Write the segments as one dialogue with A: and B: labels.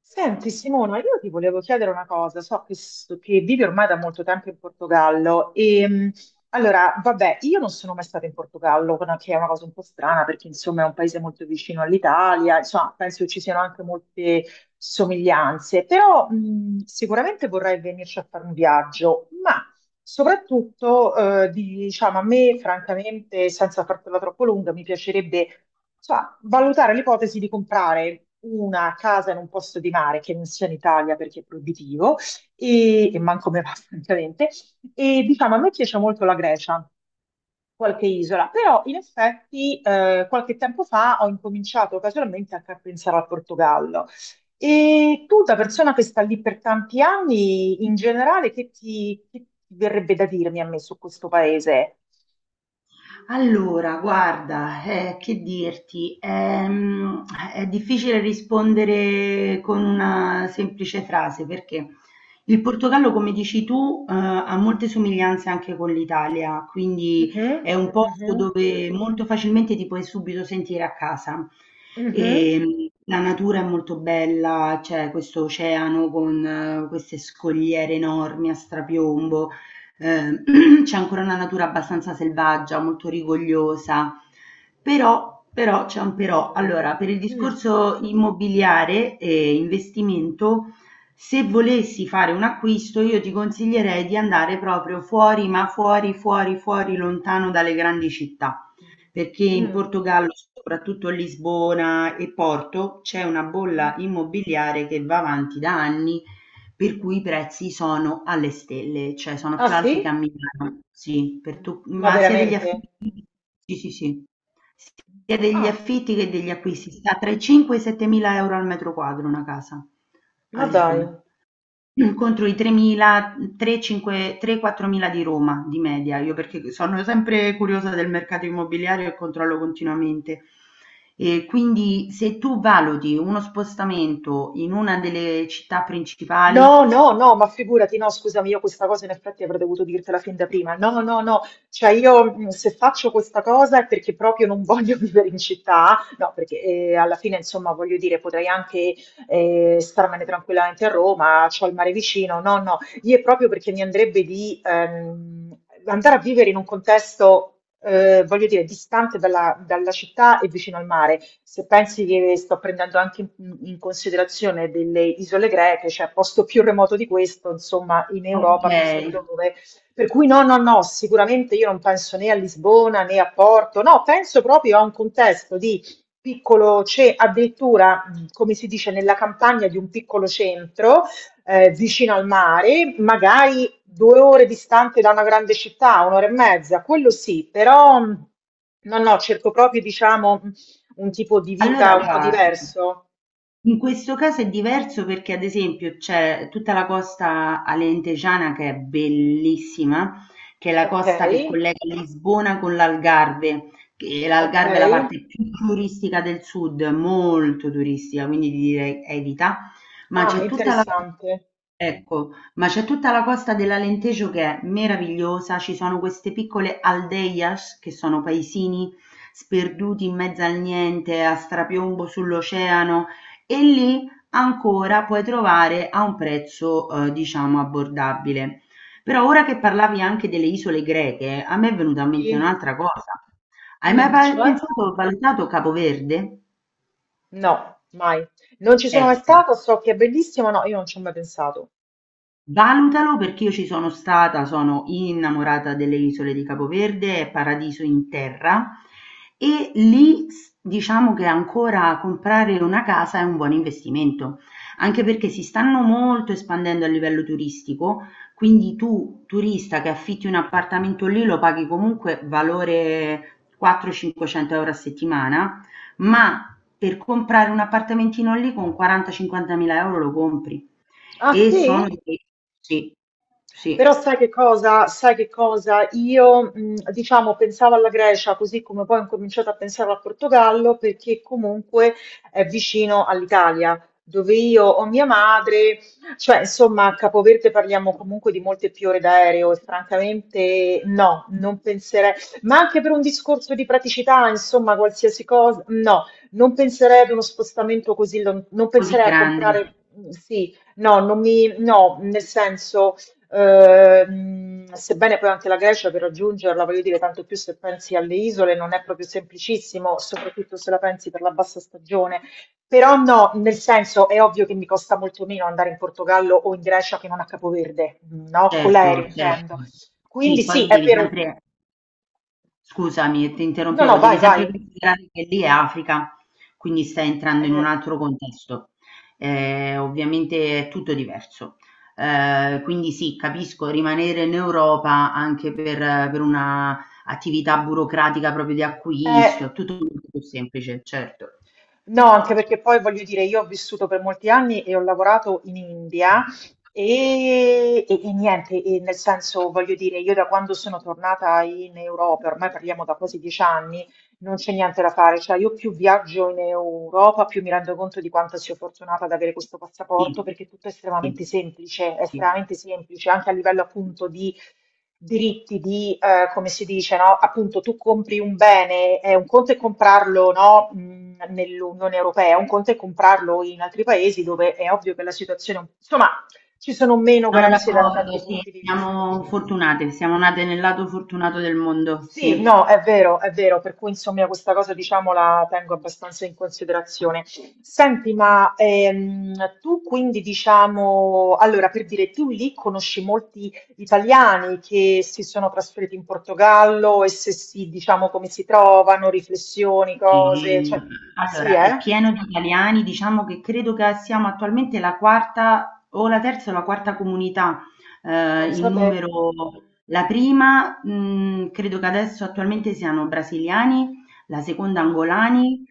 A: Senti Simona, io ti volevo chiedere una cosa, so che vivi ormai da molto tempo in Portogallo e allora, vabbè, io non sono mai stata in Portogallo, che è una cosa un po' strana perché insomma è un paese molto vicino all'Italia, insomma penso che ci siano anche molte somiglianze, però sicuramente vorrei venirci a fare un viaggio, ma soprattutto, diciamo, a me, francamente, senza fartela troppo lunga, mi piacerebbe, insomma, valutare l'ipotesi di comprare una casa in un posto di mare che non sia in Italia perché è proibitivo e manco me va, francamente. E diciamo, a me piace molto la Grecia qualche isola, però in effetti qualche tempo fa ho incominciato casualmente anche a pensare al Portogallo. E tu, da persona che sta lì per tanti anni, in generale, che ti verrebbe da dirmi a me su questo paese?
B: Allora, guarda, che dirti, è difficile rispondere con una semplice frase perché il Portogallo, come dici tu, ha molte somiglianze anche con l'Italia, quindi
A: Mhm,
B: è un
A: mhm,
B: posto dove molto facilmente ti puoi subito sentire a casa.
A: mhm.
B: La natura è molto bella, c'è questo oceano con queste scogliere enormi a strapiombo c'è ancora una natura abbastanza selvaggia, molto rigogliosa, però, c'è un
A: Guarda, che
B: però.
A: bello.
B: Allora, per il
A: Mm,
B: discorso immobiliare e investimento, se volessi fare un acquisto, io ti consiglierei di andare proprio fuori, ma fuori, fuori, lontano dalle grandi città perché in
A: mm.
B: Portogallo, soprattutto a Lisbona e Porto, c'è una
A: Mm.
B: bolla immobiliare che va avanti da anni, per cui i prezzi sono alle stelle, cioè sono
A: Ah
B: più alti che a
A: sì?
B: Milano, sì,
A: Mm. Ma
B: ma sia degli
A: veramente?
B: affitti, sì, sì, sì, sia degli
A: Ah,
B: affitti che degli acquisti, sta tra i 5 e i 7 mila euro al metro quadro una casa a
A: ma dai.
B: Lisbona. Contro i tremila, quattromila di Roma di media, io perché sono sempre curiosa del mercato immobiliare e controllo continuamente. E quindi se tu valuti uno spostamento in una delle città principali,
A: No, no, no, ma figurati, no, scusami, io questa cosa in effetti avrei dovuto dirtela fin da prima. No, no, no, cioè io se faccio questa cosa è perché proprio non voglio vivere in città, no, perché alla fine, insomma, voglio dire, potrei anche starmene tranquillamente a Roma, c'ho il mare vicino, no, no, io è proprio perché mi andrebbe di andare a vivere in un contesto, voglio dire, distante dalla città e vicino al mare. Se pensi che sto prendendo anche in considerazione delle isole greche, cioè posto più remoto di questo, insomma, in
B: ok,
A: Europa non so dove. Per cui no, no, no, sicuramente io non penso né a Lisbona né a Porto, no, penso proprio a un contesto di piccolo, c'è addirittura, come si dice, nella campagna di un piccolo centro vicino al mare, magari 2 ore distante da una grande città, 1 ora e mezza, quello sì, però no, no, cerco proprio diciamo, un tipo di
B: allora
A: vita un po'
B: guarda.
A: diverso.
B: In questo caso è diverso perché ad esempio c'è tutta la costa alentejana che è bellissima, che è la costa che
A: Okay,
B: collega Lisbona con l'Algarve, che l'Algarve è la
A: okay.
B: parte più turistica del sud, molto turistica, quindi ti direi evita, ma
A: Ah,
B: c'è tutta la
A: interessante.
B: Ecco, ma c'è tutta la costa dell'Alentejo che è meravigliosa, ci sono queste piccole aldeias che sono paesini sperduti in mezzo al niente, a strapiombo sull'oceano, e lì ancora puoi trovare a un prezzo diciamo abbordabile. Però ora che parlavi anche delle isole greche, a me è venuta in mente
A: Sì.
B: un'altra cosa. Hai mai
A: Mh, cioè?
B: pensato, valutato Capoverde?
A: No, mai. Non ci sono mai
B: Ecco,
A: stata, so che è bellissimo, no, io non ci ho mai pensato.
B: valutalo perché io ci sono stata, sono innamorata delle isole di Capo Verde, è paradiso in terra e lì diciamo che ancora comprare una casa è un buon investimento, anche perché si stanno molto espandendo a livello turistico, quindi tu turista che affitti un appartamento lì lo paghi comunque valore 400-500 euro a settimana, ma per comprare un appartamentino lì con 40-50 mila euro lo compri.
A: Ah
B: E sono
A: sì?
B: di sì,
A: Però
B: sì,
A: sai che cosa? Sai che cosa? Io, diciamo, pensavo alla Grecia, così come poi ho incominciato a pensare al Portogallo, perché comunque è vicino all'Italia, dove io ho mia madre, cioè, insomma, a Capoverde parliamo comunque di molte più ore d'aereo e francamente no, non penserei, ma anche per un discorso di praticità, insomma, qualsiasi cosa, no, non penserei ad uno spostamento così, non
B: così
A: penserei a comprare,
B: grande.
A: sì, no, non mi, no, nel senso. Sebbene poi anche la Grecia per raggiungerla, voglio dire, tanto più se pensi alle isole, non è proprio semplicissimo, soprattutto se la pensi per la bassa stagione. Però no, nel senso è ovvio che mi costa molto meno andare in Portogallo o in Grecia che non a Capoverde, no? Con
B: Certo,
A: l'aereo
B: certo.
A: intendo. Quindi
B: Sì,
A: sì, è vero.
B: scusami, ti
A: No, no,
B: interrompevo, devi
A: vai,
B: sempre
A: vai.
B: considerare che lì è Africa, quindi stai entrando in un
A: Eh,
B: altro contesto. Ovviamente è tutto diverso. Quindi sì, capisco, rimanere in Europa anche per una attività burocratica proprio di acquisto,
A: eh.
B: è tutto molto più semplice, certo.
A: No, anche perché poi voglio dire, io ho vissuto per molti anni e ho lavorato in India e niente, e nel senso, voglio dire, io da quando sono tornata in Europa, ormai parliamo da quasi 10 anni, non c'è niente da fare, cioè io più viaggio in Europa, più mi rendo conto di quanto sia fortunata ad avere questo passaporto,
B: Sì,
A: perché tutto
B: sì,
A: è
B: sì.
A: estremamente semplice, anche a livello appunto di diritti, di come si dice, no? Appunto tu compri un bene, è un conto è comprarlo, no? Nell'Unione Europea, un conto è comprarlo in altri paesi dove è ovvio che la situazione, insomma, ci sono meno
B: Sono
A: garanzie da
B: d'accordo,
A: tanti
B: sì,
A: punti di vista.
B: siamo fortunate, siamo nate nel lato fortunato del mondo, sì.
A: Sì, no, è vero, per cui insomma questa cosa diciamo la tengo abbastanza in considerazione. Senti, ma tu quindi diciamo, allora per dire, tu lì conosci molti italiani che si sono trasferiti in Portogallo e se sì, diciamo come si trovano, riflessioni,
B: Sì,
A: cose, cioè sì,
B: allora è
A: eh?
B: pieno di italiani, diciamo che credo che siamo attualmente la quarta comunità in
A: Pensa te.
B: numero. La prima, credo che adesso attualmente siano brasiliani, la seconda
A: Ah,
B: angolani,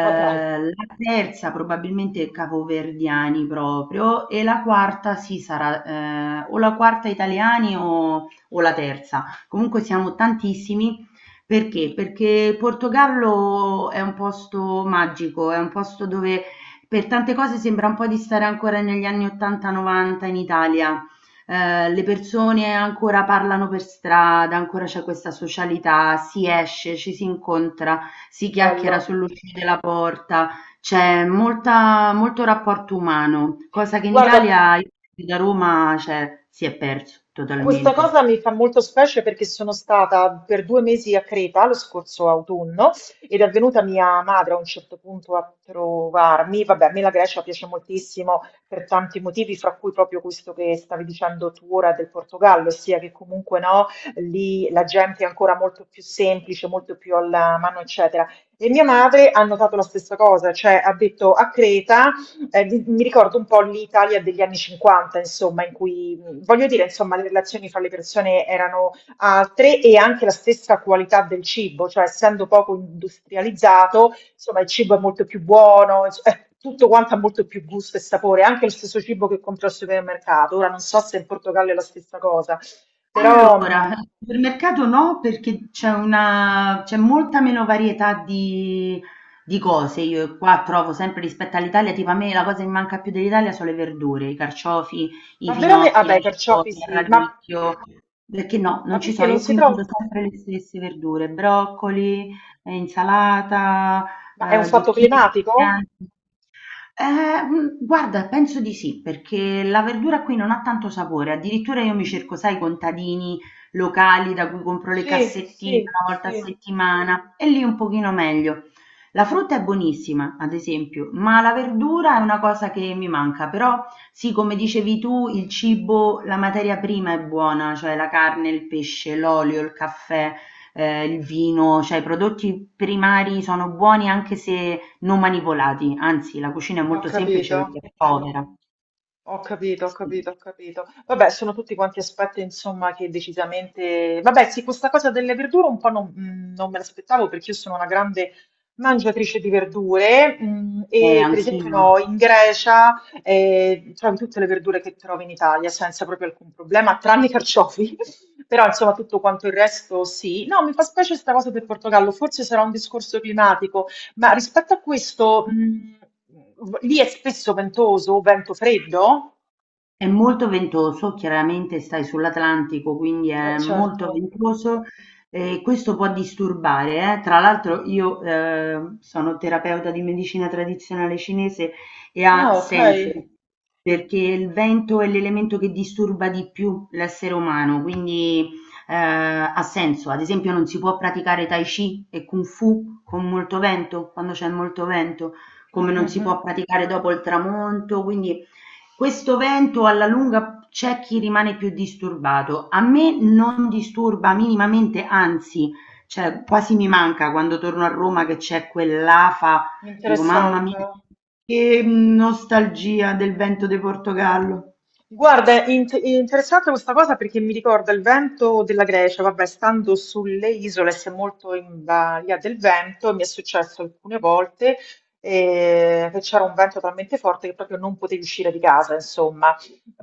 A: ma dai,
B: la terza probabilmente capoverdiani proprio e la quarta sì sarà o la quarta italiani o la terza. Comunque siamo tantissimi perché? Perché il Portogallo è un posto magico, è un posto dove per tante cose sembra un po' di stare ancora negli anni 80-90 in Italia. Le persone ancora parlano per strada, ancora c'è questa socialità, si esce, ci si incontra,
A: che
B: si
A: bello.
B: chiacchiera sull'uscita della porta, c'è molto rapporto umano, cosa che in
A: Guarda,
B: Italia, io da Roma, cioè, si è perso
A: questa
B: totalmente.
A: cosa mi fa molto specie perché sono stata per 2 mesi a Creta lo scorso autunno ed è venuta mia madre a un certo punto a trovarmi. Vabbè, a me la Grecia piace moltissimo per tanti motivi, fra cui proprio questo che stavi dicendo tu ora del Portogallo, ossia che comunque no, lì la gente è ancora molto più semplice, molto più alla mano, eccetera. E mia madre ha notato la stessa cosa, cioè ha detto a Creta. Mi ricordo un po' l'Italia degli anni 50, insomma, in cui, voglio dire, insomma, le relazioni fra le persone erano altre e anche la stessa qualità del cibo, cioè essendo poco industrializzato, insomma, il cibo è molto più buono, tutto quanto ha molto più gusto e sapore, anche lo stesso cibo che compro al supermercato. Ora non so se in Portogallo è la stessa cosa, però,
B: Allora, al supermercato no, perché c'è molta meno varietà di cose. Io qua trovo sempre rispetto all'Italia, tipo a me la cosa che mi manca più dell'Italia sono le verdure, i carciofi, i
A: ma veramente,
B: finocchi,
A: vabbè,
B: la
A: i carciofi
B: cicoria, il
A: sì,
B: radicchio. Perché no, non
A: ma
B: ci
A: perché
B: so,
A: non
B: io
A: si
B: qui mangio
A: trova?
B: sempre le stesse verdure, broccoli, insalata,
A: Ma è un fatto
B: zucchine
A: climatico?
B: giganti. Guarda, penso di sì, perché la verdura qui non ha tanto sapore, addirittura io mi
A: Mm.
B: cerco, sai, i contadini locali da cui compro le
A: Sì,
B: cassettine
A: sì,
B: una volta a
A: sì.
B: settimana e lì un pochino meglio. La frutta è buonissima, ad esempio, ma la verdura è una cosa che mi manca, però sì, come dicevi tu, il cibo, la materia prima è buona, cioè la carne, il pesce, l'olio, il caffè, il vino, cioè i prodotti primari sono buoni anche se non manipolati, anzi la cucina è
A: Ho
B: molto semplice
A: capito,
B: perché è povera.
A: ho capito, ho
B: Sì.
A: capito, ho capito. Vabbè, sono tutti quanti aspetti, insomma, che decisamente. Vabbè, sì, questa cosa delle verdure un po' non me l'aspettavo perché io sono una grande mangiatrice di verdure e per esempio
B: Anch'io.
A: no, in Grecia trovi tutte le verdure che trovi in Italia senza proprio alcun problema, tranne i carciofi. Però insomma tutto quanto il resto sì. No, mi fa specie questa cosa del Portogallo, forse sarà un discorso climatico. Ma rispetto a questo, lì è spesso ventoso, vento freddo?
B: È molto ventoso, chiaramente stai sull'Atlantico, quindi è molto
A: Certo.
B: ventoso e questo può disturbare, eh. Tra l'altro io sono terapeuta di medicina tradizionale cinese e ha
A: Ah, ok.
B: senso, perché il vento è l'elemento che disturba di più l'essere umano, quindi ha senso. Ad esempio non si può praticare Tai Chi e Kung Fu con molto vento, quando c'è molto vento, come non si
A: Mhm.
B: può praticare dopo il tramonto, quindi questo vento alla lunga c'è chi rimane più disturbato. A me non disturba minimamente, anzi, cioè quasi mi manca quando torno a Roma che c'è quell'afa, dico mamma mia,
A: Interessante.
B: che nostalgia del vento di Portogallo.
A: Guarda, è interessante questa cosa perché mi ricorda il vento della Grecia, vabbè, stando sulle isole si è molto in balia del vento, mi è successo alcune volte che c'era un vento talmente forte che proprio non potevi uscire di casa, insomma.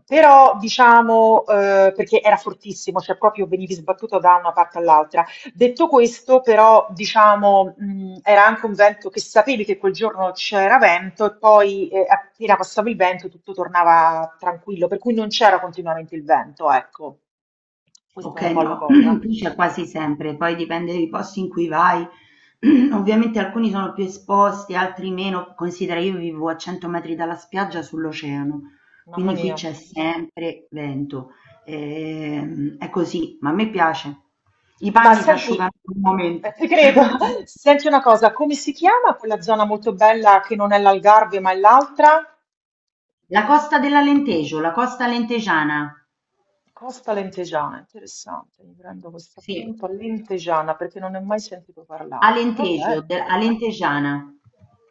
A: Però, diciamo, perché era fortissimo, cioè proprio venivi sbattuto da una parte all'altra. Detto questo, però, diciamo, era anche un vento che sapevi che quel giorno c'era vento e poi, appena passava il vento tutto tornava tranquillo, per cui non c'era continuamente il vento, ecco. Questa è
B: Ok,
A: un po' la
B: no,
A: cosa.
B: qui c'è quasi sempre, poi dipende dai posti in cui vai. Ovviamente alcuni sono più esposti, altri meno. Considera, io vivo a 100 metri dalla spiaggia sull'oceano,
A: Mamma
B: quindi qui
A: mia.
B: c'è sempre vento. È così, ma a me piace. I
A: Ma
B: panni si
A: senti
B: asciugano in un momento.
A: ti credo. Senti una cosa, come si chiama quella zona molto bella che non è l'Algarve, ma è l'altra?
B: La costa dell'Alentejo, la costa alentejana.
A: Costa Lentejana, interessante. Mi prendo questo
B: Sì,
A: appunto, Lentejana, perché non ne ho mai sentito parlare. Va
B: Alentejo,
A: bene.
B: Alentegiana.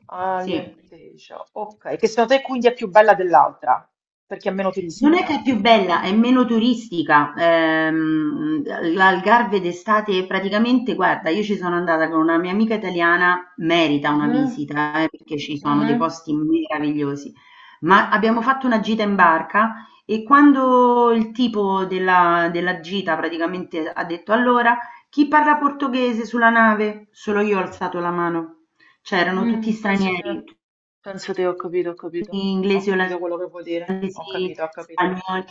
A: Ah,
B: Sì.
A: Lenteja. Ok, che secondo te quindi è più bella dell'altra, perché è meno
B: Non è che è
A: turistica.
B: più bella, è meno turistica. L'Algarve d'estate praticamente, guarda, io ci sono andata con una mia amica italiana, merita una
A: Mhm,
B: visita, perché ci sono
A: mhm.
B: dei posti meravigliosi. Ma abbiamo fatto una gita in barca e quando il tipo della gita praticamente ha detto allora, chi parla portoghese sulla nave? Solo io ho alzato la mano. C'erano tutti
A: Mm,
B: stranieri,
A: penso te, ho capito, ho capito. Ho
B: inglesi,
A: capito quello che vuol dire. Ho
B: olandesi,
A: capito, ho capito.
B: spagnoli.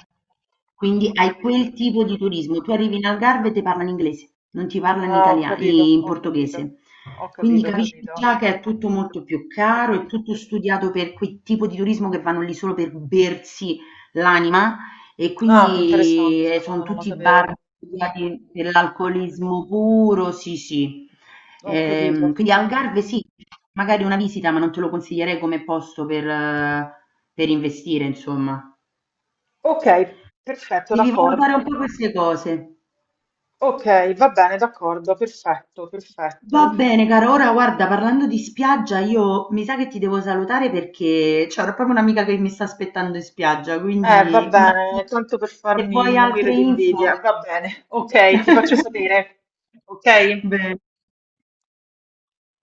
B: Quindi hai quel tipo di turismo. Tu arrivi in Algarve e ti parlano inglese, non ti parlano in
A: Ah, ho
B: italiano,
A: capito,
B: in
A: ho capito.
B: portoghese.
A: Ho
B: Quindi
A: capito, ho
B: capisci
A: capito.
B: già che è tutto molto più caro, è tutto studiato per quel tipo di turismo che vanno lì solo per bersi l'anima e
A: Ah, interessante
B: quindi
A: sta
B: sono
A: cosa, non la
B: tutti
A: sapevo.
B: bar via di dell'alcolismo puro, sì, sì.
A: Ho capito, ho
B: Quindi
A: capito.
B: Algarve sì, magari una visita, ma non te lo consiglierei come posto per investire, insomma.
A: Ok, perfetto,
B: Devi valutare un
A: d'accordo.
B: po' queste cose.
A: Ok, va bene, d'accordo, perfetto,
B: Va
A: perfetto.
B: bene, cara. Ora, guarda, parlando di spiaggia, io mi sa che ti devo salutare perché c'è proprio un'amica che mi sta aspettando in spiaggia,
A: Va
B: quindi
A: bene,
B: magari
A: tanto per
B: se
A: farmi
B: vuoi
A: morire
B: altre
A: di invidia.
B: info.
A: Va bene, ok, ti faccio sapere. Ok?
B: Bene.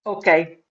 A: Ok.